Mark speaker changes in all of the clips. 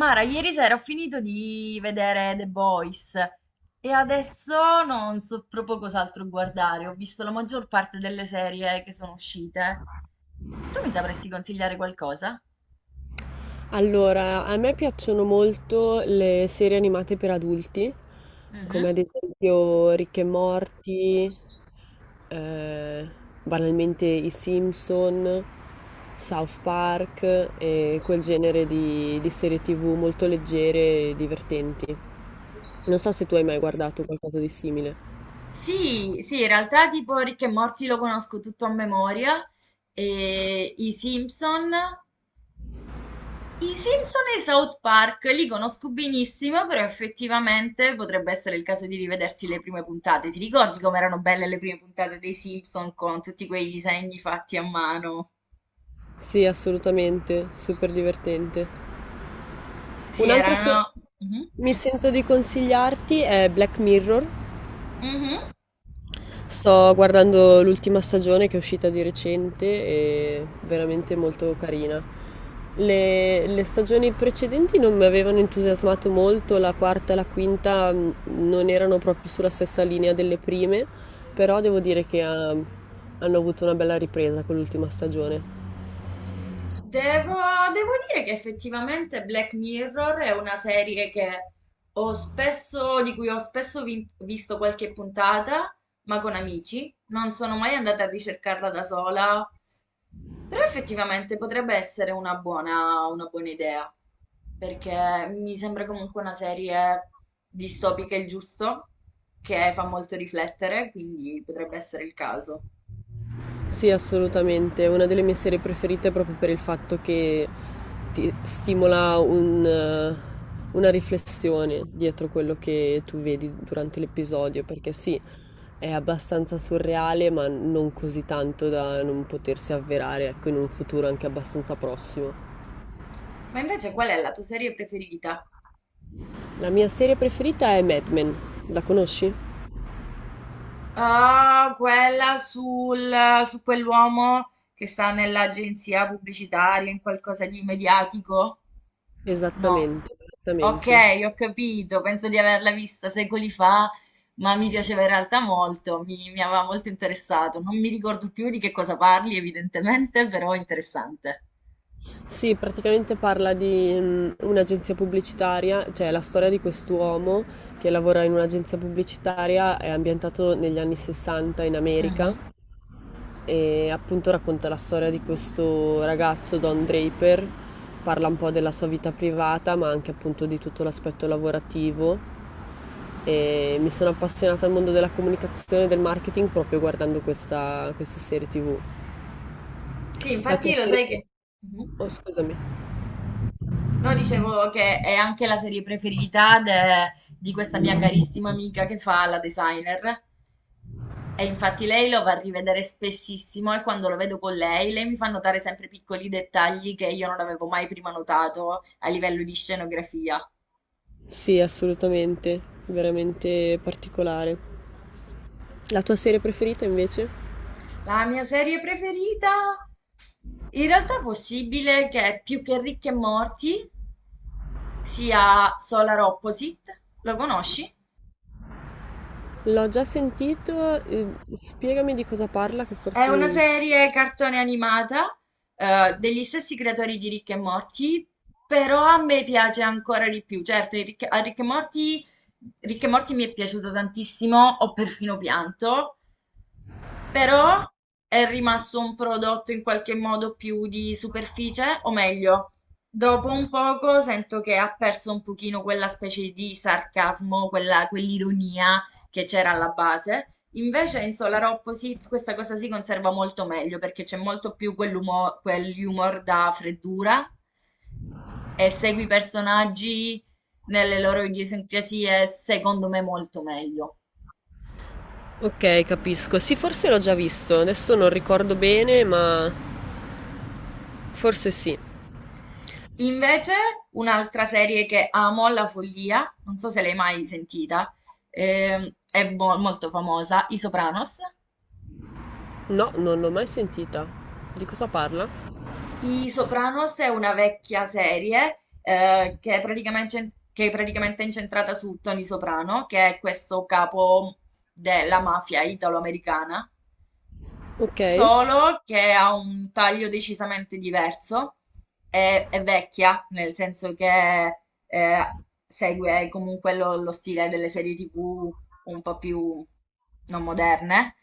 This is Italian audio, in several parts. Speaker 1: Mara, ieri sera ho finito di vedere The Boys e adesso non so proprio cos'altro guardare. Ho visto la maggior parte delle serie che sono uscite. Tu mi sapresti consigliare qualcosa?
Speaker 2: Allora, a me piacciono molto le serie animate per adulti, come
Speaker 1: Mhm.
Speaker 2: ad esempio Rick e Morty, eh, banalmente i Simpson, South Park e quel genere di serie TV molto leggere e divertenti. Non so se tu hai mai guardato qualcosa di simile.
Speaker 1: Sì, sì, in realtà tipo Rick e Morty lo conosco tutto a memoria e i Simpson e i South Park li conosco benissimo, però effettivamente potrebbe essere il caso di rivedersi le prime puntate. Ti ricordi com'erano belle le prime puntate dei Simpson con tutti quei disegni fatti a mano?
Speaker 2: Sì, assolutamente, super divertente.
Speaker 1: Sì,
Speaker 2: Un'altra serie
Speaker 1: erano.
Speaker 2: che
Speaker 1: Mhm,
Speaker 2: mi sento di consigliarti è Black Mirror.
Speaker 1: mhm.
Speaker 2: Sto guardando l'ultima stagione che è uscita di recente e veramente molto carina. Le stagioni precedenti non mi avevano entusiasmato molto, la quarta e la quinta non erano proprio sulla stessa linea delle prime, però devo dire che hanno avuto una bella ripresa con l'ultima stagione.
Speaker 1: Devo, devo dire che effettivamente Black Mirror è una serie che di cui ho spesso visto qualche puntata, ma con amici. Non sono mai andata a ricercarla da sola. Però effettivamente potrebbe essere una una buona idea, perché mi sembra comunque una serie distopica il giusto, che fa molto riflettere, quindi potrebbe essere il caso.
Speaker 2: Sì, assolutamente. È una delle mie serie preferite proprio per il fatto che ti stimola una riflessione dietro quello che tu vedi durante l'episodio, perché sì, è abbastanza surreale, ma non così tanto da non potersi avverare, ecco, in un futuro anche abbastanza prossimo.
Speaker 1: Ma invece qual è la tua serie preferita?
Speaker 2: La mia serie preferita è Mad Men. La conosci?
Speaker 1: Ah, quella sul, su quell'uomo che sta nell'agenzia pubblicitaria, in qualcosa di mediatico. No.
Speaker 2: Esattamente,
Speaker 1: Ok,
Speaker 2: esattamente.
Speaker 1: ho capito, penso di averla vista secoli fa, ma mi piaceva in realtà molto, mi aveva molto interessato. Non mi ricordo più di che cosa parli, evidentemente, però è interessante.
Speaker 2: Sì, praticamente parla di un'agenzia pubblicitaria, cioè la storia di quest'uomo che lavora in un'agenzia pubblicitaria, è ambientato negli anni 60 in America
Speaker 1: Mhm.
Speaker 2: e appunto racconta la storia di questo ragazzo, Don Draper, parla un po' della sua vita privata ma anche appunto di tutto l'aspetto lavorativo e mi sono appassionata al mondo della comunicazione e del marketing proprio guardando questa serie TV.
Speaker 1: Sì,
Speaker 2: La tua
Speaker 1: infatti lo
Speaker 2: serie
Speaker 1: sai
Speaker 2: TV?
Speaker 1: che. Mhm.
Speaker 2: Oh, scusami.
Speaker 1: No, dicevo che è anche la serie preferita di questa mia carissima amica che fa la designer. E infatti lei lo va a rivedere spessissimo e quando lo vedo con lei, lei mi fa notare sempre piccoli dettagli che io non avevo mai prima notato a livello di scenografia.
Speaker 2: Sì, assolutamente, veramente particolare. La tua serie preferita invece?
Speaker 1: La mia serie preferita, in realtà è possibile che più che Ricche e Morti sia Solar Opposite. Lo conosci?
Speaker 2: L'ho già sentito, spiegami di cosa parla che forse
Speaker 1: È una
Speaker 2: mi...
Speaker 1: serie cartone animata, degli stessi creatori di Rick e Morty, però a me piace ancora di più. Certo, a Rick e Morty mi è piaciuto tantissimo, ho perfino pianto, però è rimasto un prodotto in qualche modo più di superficie, o meglio, dopo un poco sento che ha perso un pochino quella specie di sarcasmo, quell'ironia che c'era alla base. Invece in Solar Opposite questa cosa si conserva molto meglio perché c'è molto più quell'humor da freddura e segui i personaggi nelle loro idiosincrasie, secondo me, molto meglio.
Speaker 2: Ok, capisco. Sì, forse l'ho già visto, adesso non ricordo bene, ma forse sì.
Speaker 1: Invece, un'altra serie che amo alla follia, non so se l'hai mai sentita, è molto famosa, I Sopranos.
Speaker 2: No, non l'ho mai sentita. Di cosa parla?
Speaker 1: I Sopranos è una vecchia serie che è praticamente incentrata su Tony Soprano, che è questo capo della mafia italo-americana.
Speaker 2: Ok.
Speaker 1: Solo che ha un taglio decisamente diverso, è vecchia, nel senso che eh, segue comunque lo stile delle serie TV un po' più non moderne,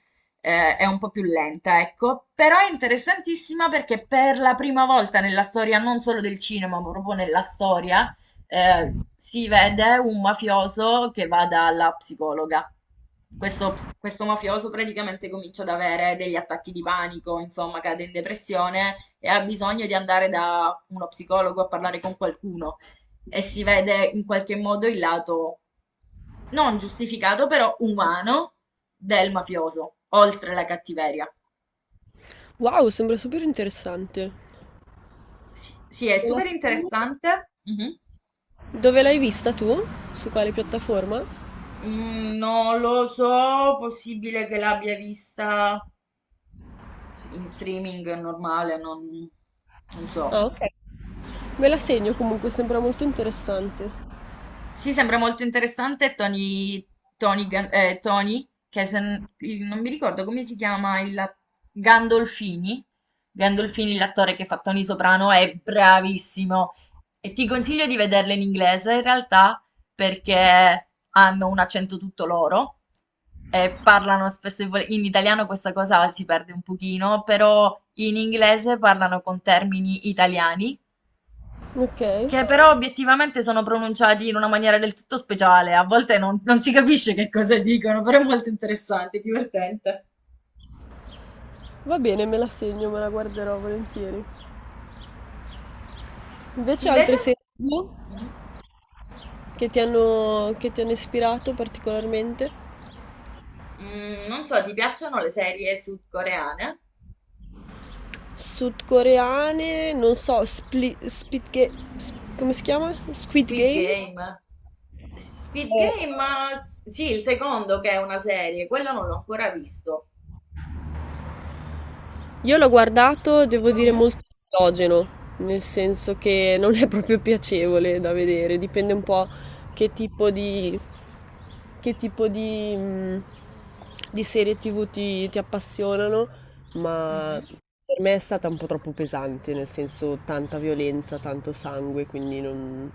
Speaker 1: è un po' più lenta, ecco, però è interessantissima perché per la prima volta nella storia, non solo del cinema, ma proprio nella storia, si vede un mafioso che va dalla psicologa. Questo mafioso praticamente comincia ad avere degli attacchi di panico, insomma, cade in depressione e ha bisogno di andare da uno psicologo a parlare con qualcuno. E si vede in qualche modo il lato non giustificato, però umano del mafioso, oltre la cattiveria.
Speaker 2: Wow, sembra super interessante.
Speaker 1: Sì, sì, è
Speaker 2: Me la...
Speaker 1: super interessante. Mhm.
Speaker 2: Dove l'hai vista tu? Su quale piattaforma?
Speaker 1: Mm, non lo so, possibile che l'abbia vista in streaming normale, non so.
Speaker 2: Ah, ok. Me la segno comunque, sembra molto interessante.
Speaker 1: Sì, sembra molto interessante Tony, che se n- il- non mi ricordo come si chiama il Gandolfini. Gandolfini, l'attore che fa Tony Soprano, è bravissimo. E ti consiglio di vederle in inglese, in realtà, perché hanno un accento tutto loro e parlano spesso e in italiano questa cosa si perde un pochino, però in inglese parlano con termini italiani.
Speaker 2: Ok.
Speaker 1: Che però obiettivamente sono pronunciati in una maniera del tutto speciale, a volte non si capisce che cosa dicono, però è molto interessante, divertente.
Speaker 2: Va bene, me la segno, me la guarderò volentieri. Invece
Speaker 1: Invece,
Speaker 2: altre serie TV
Speaker 1: mhm,
Speaker 2: che ti hanno ispirato particolarmente?
Speaker 1: non so, ti piacciono le serie sudcoreane?
Speaker 2: Sudcoreane, non so, Split, Spit Ga- s- come si chiama? Squid
Speaker 1: Squid
Speaker 2: Game?
Speaker 1: Game. Squid
Speaker 2: Eh,
Speaker 1: Game, eh, sì, il secondo che è una serie, quello non l'ho ancora visto.
Speaker 2: Io l'ho guardato, devo dire,
Speaker 1: Mhm.
Speaker 2: molto esogeno, nel senso che non è proprio piacevole da vedere, dipende un po' che tipo di, che tipo di, mh, di serie TV ti appassionano, ma
Speaker 1: Mhm.
Speaker 2: per me è stata un po' troppo pesante, nel senso tanta violenza, tanto sangue, quindi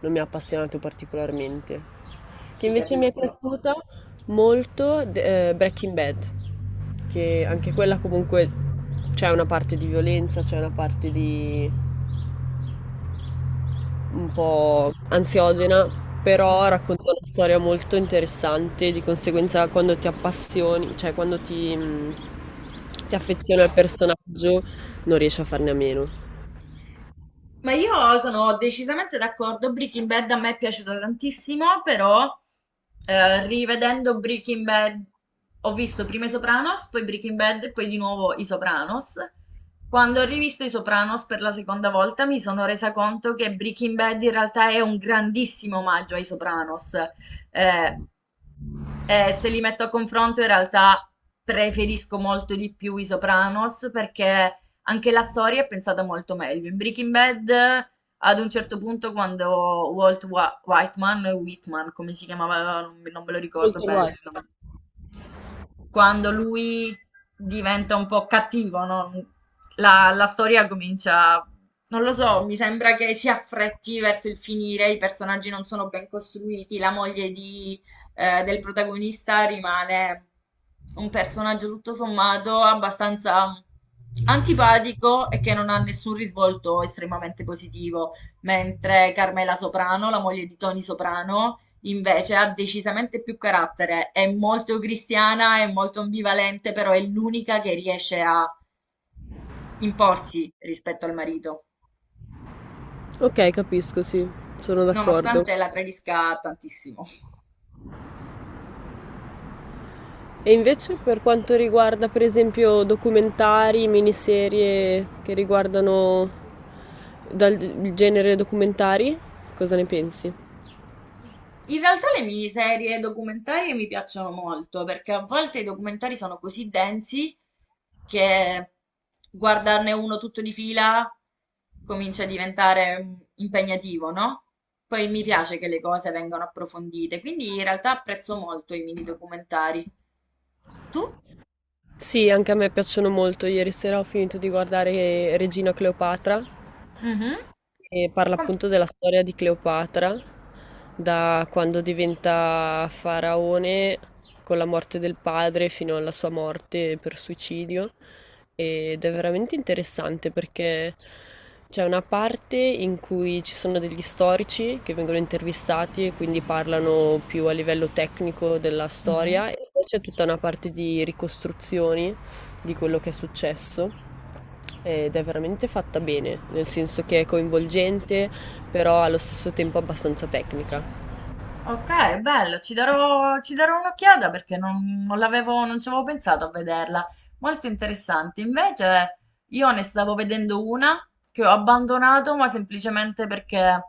Speaker 2: non mi ha appassionato particolarmente. Che
Speaker 1: Sì,
Speaker 2: invece mi è
Speaker 1: capisco.
Speaker 2: piaciuta? Molto Breaking Bad, che anche quella comunque c'è una parte di violenza, c'è una parte di un po' ansiogena,
Speaker 1: Mhm.
Speaker 2: però racconta una storia molto interessante, di conseguenza quando ti appassioni, cioè ti affezioni al personaggio non riesci a farne a meno.
Speaker 1: Ma io sono decisamente d'accordo. Breaking Bad a me è piaciuta tantissimo, però rivedendo Breaking Bad ho visto prima i Sopranos, poi Breaking Bad e poi di nuovo i Sopranos. Quando ho rivisto i Sopranos per la seconda volta mi sono resa conto che Breaking Bad in realtà è un grandissimo omaggio ai Sopranos. Eh, Se li metto a confronto, in realtà preferisco molto di più i Sopranos perché anche la storia è pensata molto meglio. In Breaking Bad, ad un certo punto, quando Whiteman, Whitman, come si chiamava, non me lo ricordo
Speaker 2: Molto
Speaker 1: bene
Speaker 2: guai.
Speaker 1: il nome, quando lui diventa un po' cattivo, no? La storia comincia, non lo so, mi sembra che si affretti verso il finire, i personaggi non sono ben costruiti, la moglie di, del protagonista rimane un personaggio tutto sommato abbastanza antipatico e che non ha nessun risvolto estremamente positivo, mentre Carmela Soprano, la moglie di Tony Soprano, invece ha decisamente più carattere, è molto cristiana, è molto ambivalente, però è l'unica che riesce a imporsi rispetto al marito,
Speaker 2: Ok, capisco, sì, sono d'accordo.
Speaker 1: nonostante la tradisca tantissimo.
Speaker 2: E invece per quanto riguarda per esempio documentari, miniserie che riguardano dal genere documentari, cosa ne pensi?
Speaker 1: In realtà le miniserie documentarie mi piacciono molto perché a volte i documentari sono così densi che guardarne uno tutto di fila comincia a diventare impegnativo, no? Poi mi piace che le cose vengano approfondite, quindi in realtà apprezzo molto i mini documentari. Tu?
Speaker 2: Sì, anche a me piacciono molto. Ieri sera ho finito di guardare Regina Cleopatra
Speaker 1: Mhm.
Speaker 2: e parla
Speaker 1: Com-
Speaker 2: appunto della storia di Cleopatra, da quando diventa faraone con la morte del padre fino alla sua morte per suicidio. Ed è veramente interessante perché c'è una parte in cui ci sono degli storici che vengono intervistati e quindi parlano più a livello tecnico della
Speaker 1: Mhm.
Speaker 2: storia, e poi c'è tutta una parte di ricostruzioni di quello che è successo ed è veramente fatta bene, nel senso che è coinvolgente, però allo stesso tempo abbastanza tecnica.
Speaker 1: Ok, bello, ci darò un'occhiata perché non ci avevo pensato a vederla. Molto interessante. Invece io ne stavo vedendo una che ho abbandonato, ma semplicemente perché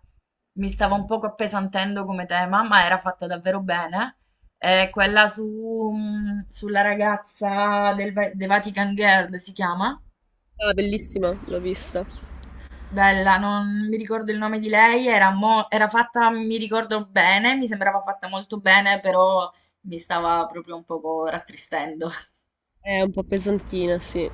Speaker 1: mi stava un poco appesantendo come tema, ma era fatta davvero bene. È quella su, sulla ragazza del The Vatican Girl, si chiama?
Speaker 2: Ah, bellissima, l'ho vista.
Speaker 1: Bella, non mi ricordo il nome di lei, era fatta, mi ricordo bene, mi sembrava fatta molto bene, però mi stava proprio un poco rattristendo.
Speaker 2: È un po' pesantina, sì.